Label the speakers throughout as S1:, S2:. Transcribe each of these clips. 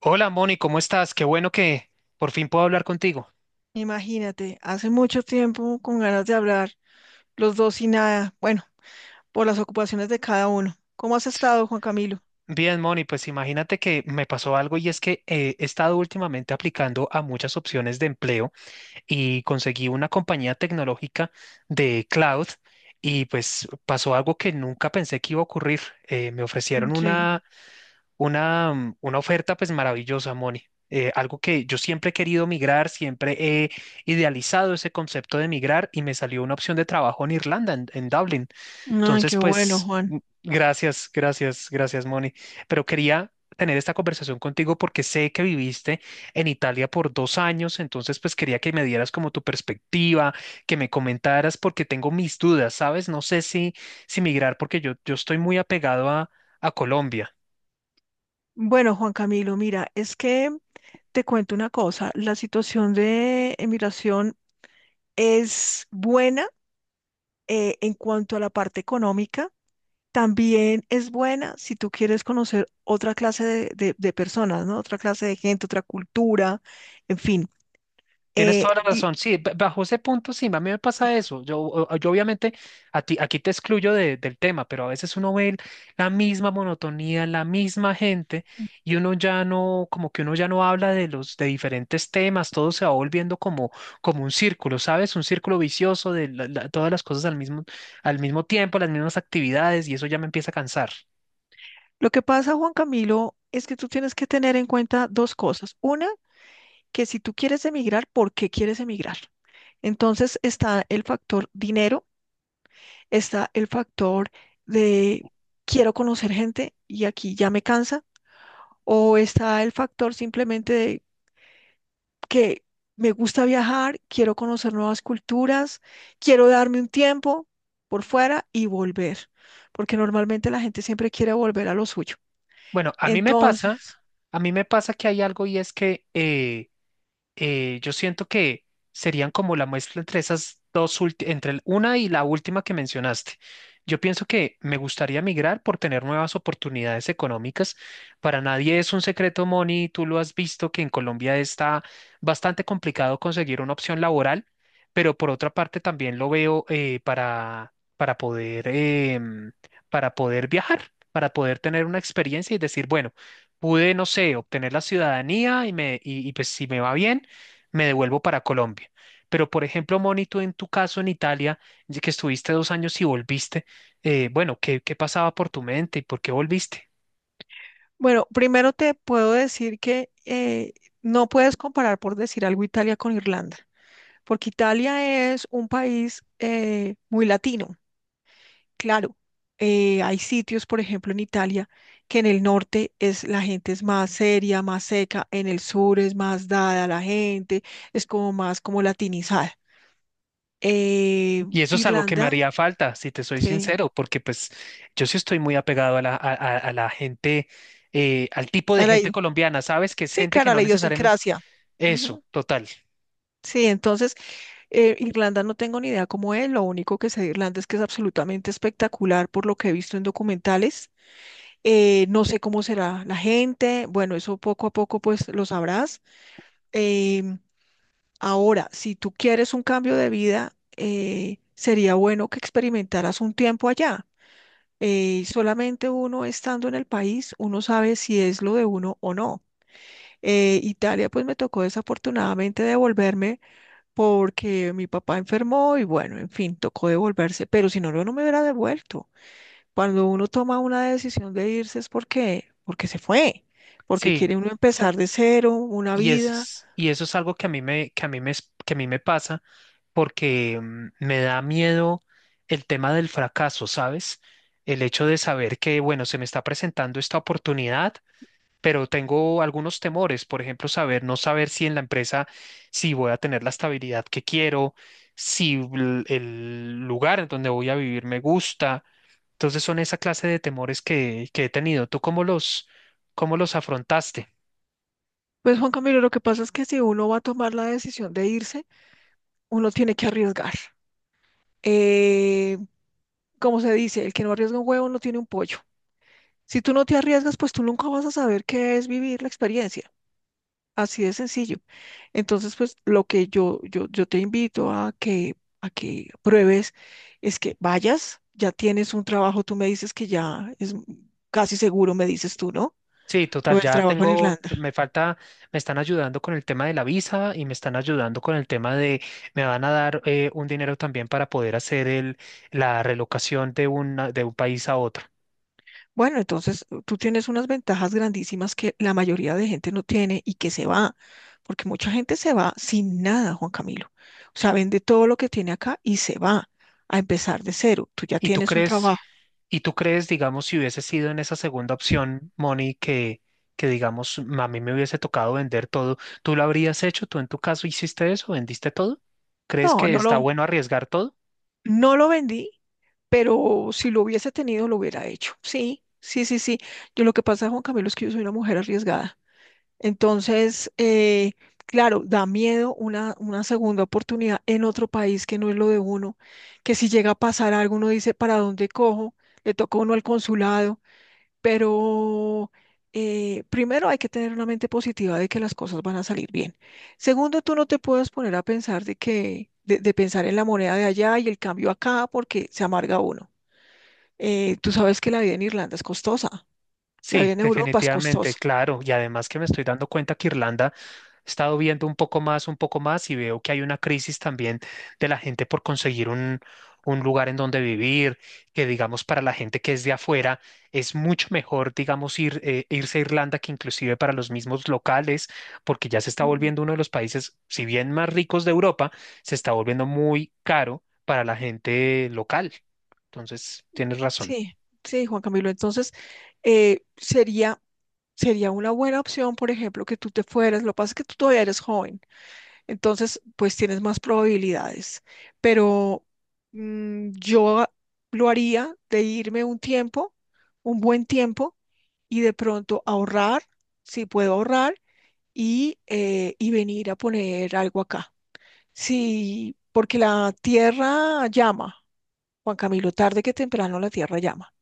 S1: Hola, Moni, ¿cómo estás? Qué bueno que por fin puedo hablar contigo.
S2: Imagínate, hace mucho tiempo con ganas de hablar, los dos y nada, bueno, por las ocupaciones de cada uno. ¿Cómo has estado, Juan Camilo?
S1: Bien, Moni, pues imagínate que me pasó algo y es que he estado últimamente aplicando a muchas opciones de empleo y conseguí una compañía tecnológica de cloud, y pues pasó algo que nunca pensé que iba a ocurrir. Me ofrecieron
S2: Sí.
S1: una, una oferta pues maravillosa, Moni. Algo que yo siempre he querido migrar, siempre he idealizado ese concepto de migrar, y me salió una opción de trabajo en Irlanda, en Dublín.
S2: Ay,
S1: Entonces,
S2: qué bueno,
S1: pues,
S2: Juan.
S1: gracias, gracias, gracias, Moni. Pero quería tener esta conversación contigo porque sé que viviste en Italia por 2 años. Entonces, pues, quería que me dieras como tu perspectiva, que me comentaras, porque tengo mis dudas, ¿sabes? No sé si, si migrar, porque yo estoy muy apegado a Colombia.
S2: Bueno, Juan Camilo, mira, es que te cuento una cosa, la situación de emigración es buena, en cuanto a la parte económica, también es buena si tú quieres conocer otra clase de, de personas, ¿no? Otra clase de gente, otra cultura, en fin.
S1: Tienes
S2: Eh,
S1: toda la
S2: y
S1: razón. Sí, bajo ese punto sí, a mí me pasa eso. Yo, yo obviamente a ti, aquí te excluyo del tema, pero a veces uno ve la misma monotonía, la misma gente, y uno ya no, como que uno ya no habla de los de diferentes temas, todo se va volviendo como, como un círculo, ¿sabes? Un círculo vicioso de todas las cosas al mismo tiempo, las mismas actividades, y eso ya me empieza a cansar.
S2: Lo que pasa, Juan Camilo, es que tú tienes que tener en cuenta dos cosas. Una, que si tú quieres emigrar, ¿por qué quieres emigrar? Entonces está el factor dinero, está el factor de quiero conocer gente y aquí ya me cansa, o está el factor simplemente de que me gusta viajar, quiero conocer nuevas culturas, quiero darme un tiempo por fuera y volver, porque normalmente la gente siempre quiere volver a lo suyo.
S1: Bueno, a mí me pasa,
S2: Entonces...
S1: a mí me pasa que hay algo, y es que yo siento que serían como la muestra entre esas dos, entre una y la última que mencionaste. Yo pienso que me gustaría migrar por tener nuevas oportunidades económicas. Para nadie es un secreto, Moni, tú lo has visto, que en Colombia está bastante complicado conseguir una opción laboral. Pero por otra parte también lo veo para poder, em, para poder viajar, para poder tener una experiencia y decir, bueno, pude, no sé, obtener la ciudadanía y, me, y pues si me va bien me devuelvo para Colombia. Pero, por ejemplo, Moni, tú en tu caso en Italia, ya que estuviste 2 años y volviste, bueno, ¿qué, qué pasaba por tu mente y por qué volviste?
S2: Bueno, primero te puedo decir que no puedes comparar, por decir algo, Italia con Irlanda, porque Italia es un país muy latino, claro. Hay sitios, por ejemplo, en Italia, que en el norte es, la gente es más seria, más seca, en el sur es más dada a la gente, es como más como latinizada. Eh,
S1: Y eso es algo que me
S2: Irlanda,
S1: haría falta, si te soy
S2: sí,
S1: sincero, porque pues yo sí estoy muy apegado a la, a, a la gente, al tipo de
S2: a la
S1: gente
S2: i-
S1: colombiana, ¿sabes? Que es
S2: sí,
S1: gente que
S2: claro, a
S1: no
S2: la
S1: necesariamente...
S2: idiosincrasia.
S1: Eso,
S2: Ujú.
S1: total.
S2: Sí, entonces Irlanda no tengo ni idea cómo es, lo único que sé de Irlanda es que es absolutamente espectacular por lo que he visto en documentales. No sé cómo será la gente, bueno, eso poco a poco pues lo sabrás. Em, Ahora, si tú quieres un cambio de vida, sería bueno que experimentaras un tiempo allá. Solamente uno estando en el país, uno sabe si es lo de uno o no. Italia pues me tocó desafortunadamente devolverme porque mi papá enfermó y bueno, en fin, tocó devolverse, pero si no, yo no me hubiera devuelto. Cuando uno toma una decisión de irse es porque, porque se fue, porque
S1: Sí,
S2: quiere uno empezar de cero, una
S1: y,
S2: vida.
S1: es, y eso es algo que a mí me, que a mí me, que a mí me pasa, porque me da miedo el tema del fracaso, ¿sabes? El hecho de saber que, bueno, se me está presentando esta oportunidad, pero tengo algunos temores, por ejemplo, saber, no saber si en la empresa, si voy a tener la estabilidad que quiero, si el lugar en donde voy a vivir me gusta. Entonces son esa clase de temores que he tenido. ¿Tú cómo los afrontaste?
S2: Pues Juan Camilo, lo que pasa es que si uno va a tomar la decisión de irse, uno tiene que arriesgar. Eh, Como se dice, el que no arriesga un huevo no tiene un pollo. Si tú no te arriesgas, pues tú nunca vas a saber qué es vivir la experiencia. Así de sencillo. Entonces, pues lo que yo te invito a que pruebes es que vayas, ya tienes un trabajo, tú me dices que ya es casi seguro, me dices tú, ¿no?
S1: Sí,
S2: Lo
S1: total,
S2: del
S1: ya
S2: trabajo en
S1: tengo,
S2: Irlanda.
S1: me falta, me están ayudando con el tema de la visa, y me están ayudando con el tema de, me van a dar un dinero también para poder hacer el, la relocación de una, de un país a otro.
S2: Bueno, entonces tú tienes unas ventajas grandísimas que la mayoría de gente no tiene y que se va, porque mucha gente se va sin nada, Juan Camilo. O sea, vende todo lo que tiene acá y se va a empezar de cero. Tú ya
S1: ¿Y tú
S2: tienes un
S1: crees,
S2: trabajo.
S1: y tú crees, digamos, si hubiese sido en esa segunda opción, Moni, que digamos, a mí me hubiese tocado vender todo, ¿tú lo habrías hecho? ¿Tú en tu caso hiciste eso? ¿Vendiste todo? ¿Crees
S2: No,
S1: que
S2: no
S1: está
S2: lo,
S1: bueno arriesgar todo?
S2: no lo vendí pero si lo hubiese tenido, lo hubiera hecho. Sí, sí, sí, sí. Yo lo que pasa, Juan Camilo, es que yo soy una mujer arriesgada. Entonces, claro, da miedo una segunda oportunidad en otro país que no es lo de uno, que si llega a pasar algo, uno dice, ¿para dónde cojo? Le toca a uno al consulado, pero... primero hay que tener una mente positiva de que las cosas van a salir bien. Segundo, tú no te puedes poner a pensar de que, de pensar en la moneda de allá y el cambio acá, porque se amarga uno. Tú sabes que la vida en Irlanda es costosa, la
S1: Sí,
S2: vida en Europa es
S1: definitivamente,
S2: costosa.
S1: claro. Y además que me estoy dando cuenta que Irlanda he estado viendo un poco más, un poco más, y veo que hay una crisis también de la gente por conseguir un lugar en donde vivir, que digamos para la gente que es de afuera es mucho mejor, digamos, ir, irse a Irlanda que inclusive para los mismos locales, porque ya se está
S2: Mm.
S1: volviendo uno de los países, si bien más ricos de Europa, se está volviendo muy caro para la gente local. Entonces, tienes razón.
S2: Sí, sí, Juan Camilo. Entonces, sería, sería una buena opción, por ejemplo, que tú te fueras. Lo que pasa es que tú todavía eres joven. Entonces, pues tienes más probabilidades. Pero yo lo haría de irme un tiempo, un buen tiempo, y de pronto ahorrar, si puedo ahorrar, y venir a poner algo acá. Sí, porque la tierra llama, Juan Camilo, tarde que temprano la tierra llama.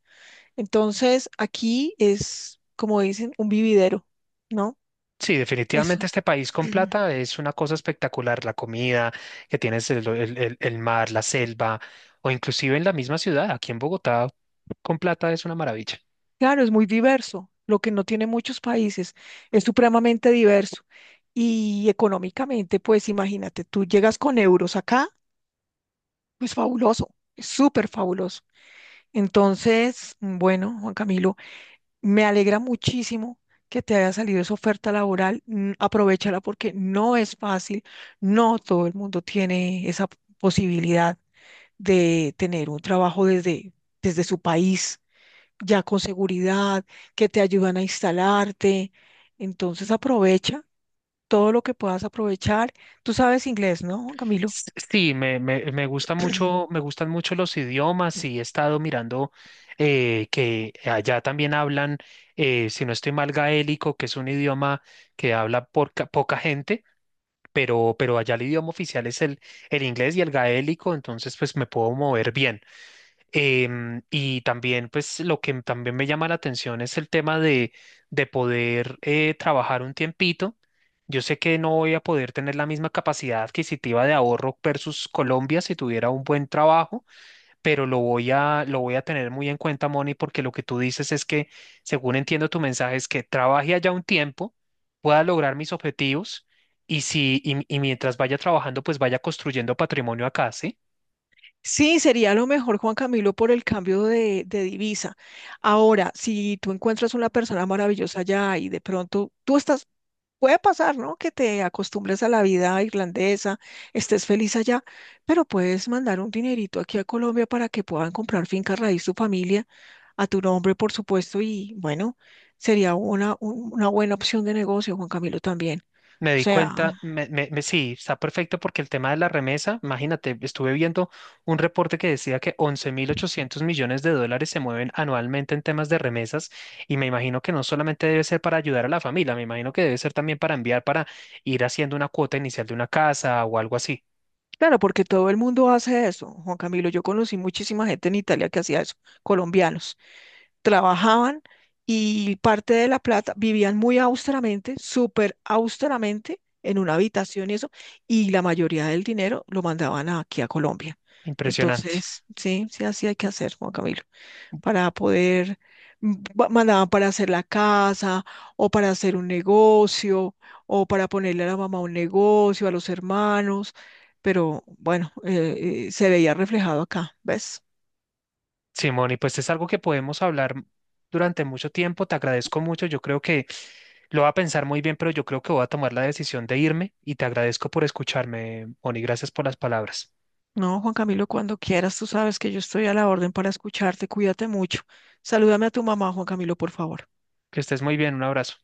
S2: Entonces, aquí es, como dicen, un vividero, ¿no?
S1: Sí,
S2: Eso.
S1: definitivamente este país con plata es una cosa espectacular. La comida que tienes, el, el mar, la selva, o inclusive en la misma ciudad, aquí en Bogotá, con plata es una maravilla.
S2: Claro, es muy diverso. Lo que no tiene muchos países es supremamente diverso. Y económicamente, pues imagínate, tú llegas con euros acá, pues fabuloso, es súper fabuloso. Entonces, bueno, Juan Camilo, me alegra muchísimo que te haya salido esa oferta laboral. Aprovechala porque no es fácil, no todo el mundo tiene esa posibilidad de tener un trabajo desde, desde su país ya con seguridad, que te ayudan a instalarte. Entonces aprovecha todo lo que puedas aprovechar. Tú sabes inglés, ¿no, Juan Camilo?
S1: Sí, me gusta mucho, me gustan mucho los idiomas, y he estado mirando que allá también hablan, si no estoy mal, gaélico, que es un idioma que habla poca gente, pero allá el idioma oficial es el inglés y el gaélico, entonces pues me puedo mover bien. Y también, pues, lo que también me llama la atención es el tema de poder trabajar un tiempito. Yo sé que no voy a poder tener la misma capacidad adquisitiva de ahorro versus Colombia si tuviera un buen trabajo, pero lo voy a tener muy en cuenta, Moni, porque lo que tú dices es que, según entiendo tu mensaje, es que trabaje allá un tiempo, pueda lograr mis objetivos, y si, y mientras vaya trabajando, pues vaya construyendo patrimonio acá, ¿sí?
S2: Sí, sería lo mejor, Juan Camilo, por el cambio de divisa. Ahora, si tú encuentras una persona maravillosa allá y de pronto tú estás, puede pasar, ¿no? Que te acostumbres a la vida irlandesa, estés feliz allá, pero puedes mandar un dinerito aquí a Colombia para que puedan comprar finca raíz tu familia, a tu nombre, por supuesto, y bueno, sería una, una buena opción de negocio, Juan Camilo, también.
S1: Me
S2: O
S1: di
S2: sea,
S1: cuenta, me, sí, está perfecto, porque el tema de la remesa, imagínate, estuve viendo un reporte que decía que $11.800 millones se mueven anualmente en temas de remesas, y me imagino que no solamente debe ser para ayudar a la familia, me imagino que debe ser también para enviar, para ir haciendo una cuota inicial de una casa o algo así.
S2: claro, porque todo el mundo hace eso, Juan Camilo. Yo conocí muchísima gente en Italia que hacía eso, colombianos. Trabajaban y parte de la plata vivían muy austeramente, súper austeramente, en una habitación y eso, y la mayoría del dinero lo mandaban aquí a Colombia.
S1: Impresionante.
S2: Entonces, sí, sí, así hay que hacer, Juan Camilo, para poder, mandaban para hacer la casa o para hacer un negocio o para ponerle a la mamá un negocio, a los hermanos, pero bueno, se veía reflejado acá, ¿ves?
S1: Simón, y pues es algo que podemos hablar durante mucho tiempo. Te agradezco mucho. Yo creo que lo voy a pensar muy bien, pero yo creo que voy a tomar la decisión de irme, y te agradezco por escucharme, Moni. Gracias por las palabras.
S2: No, Juan Camilo, cuando quieras, tú sabes que yo estoy a la orden para escucharte, cuídate mucho. Salúdame a tu mamá, Juan Camilo, por favor.
S1: Que estés muy bien. Un abrazo.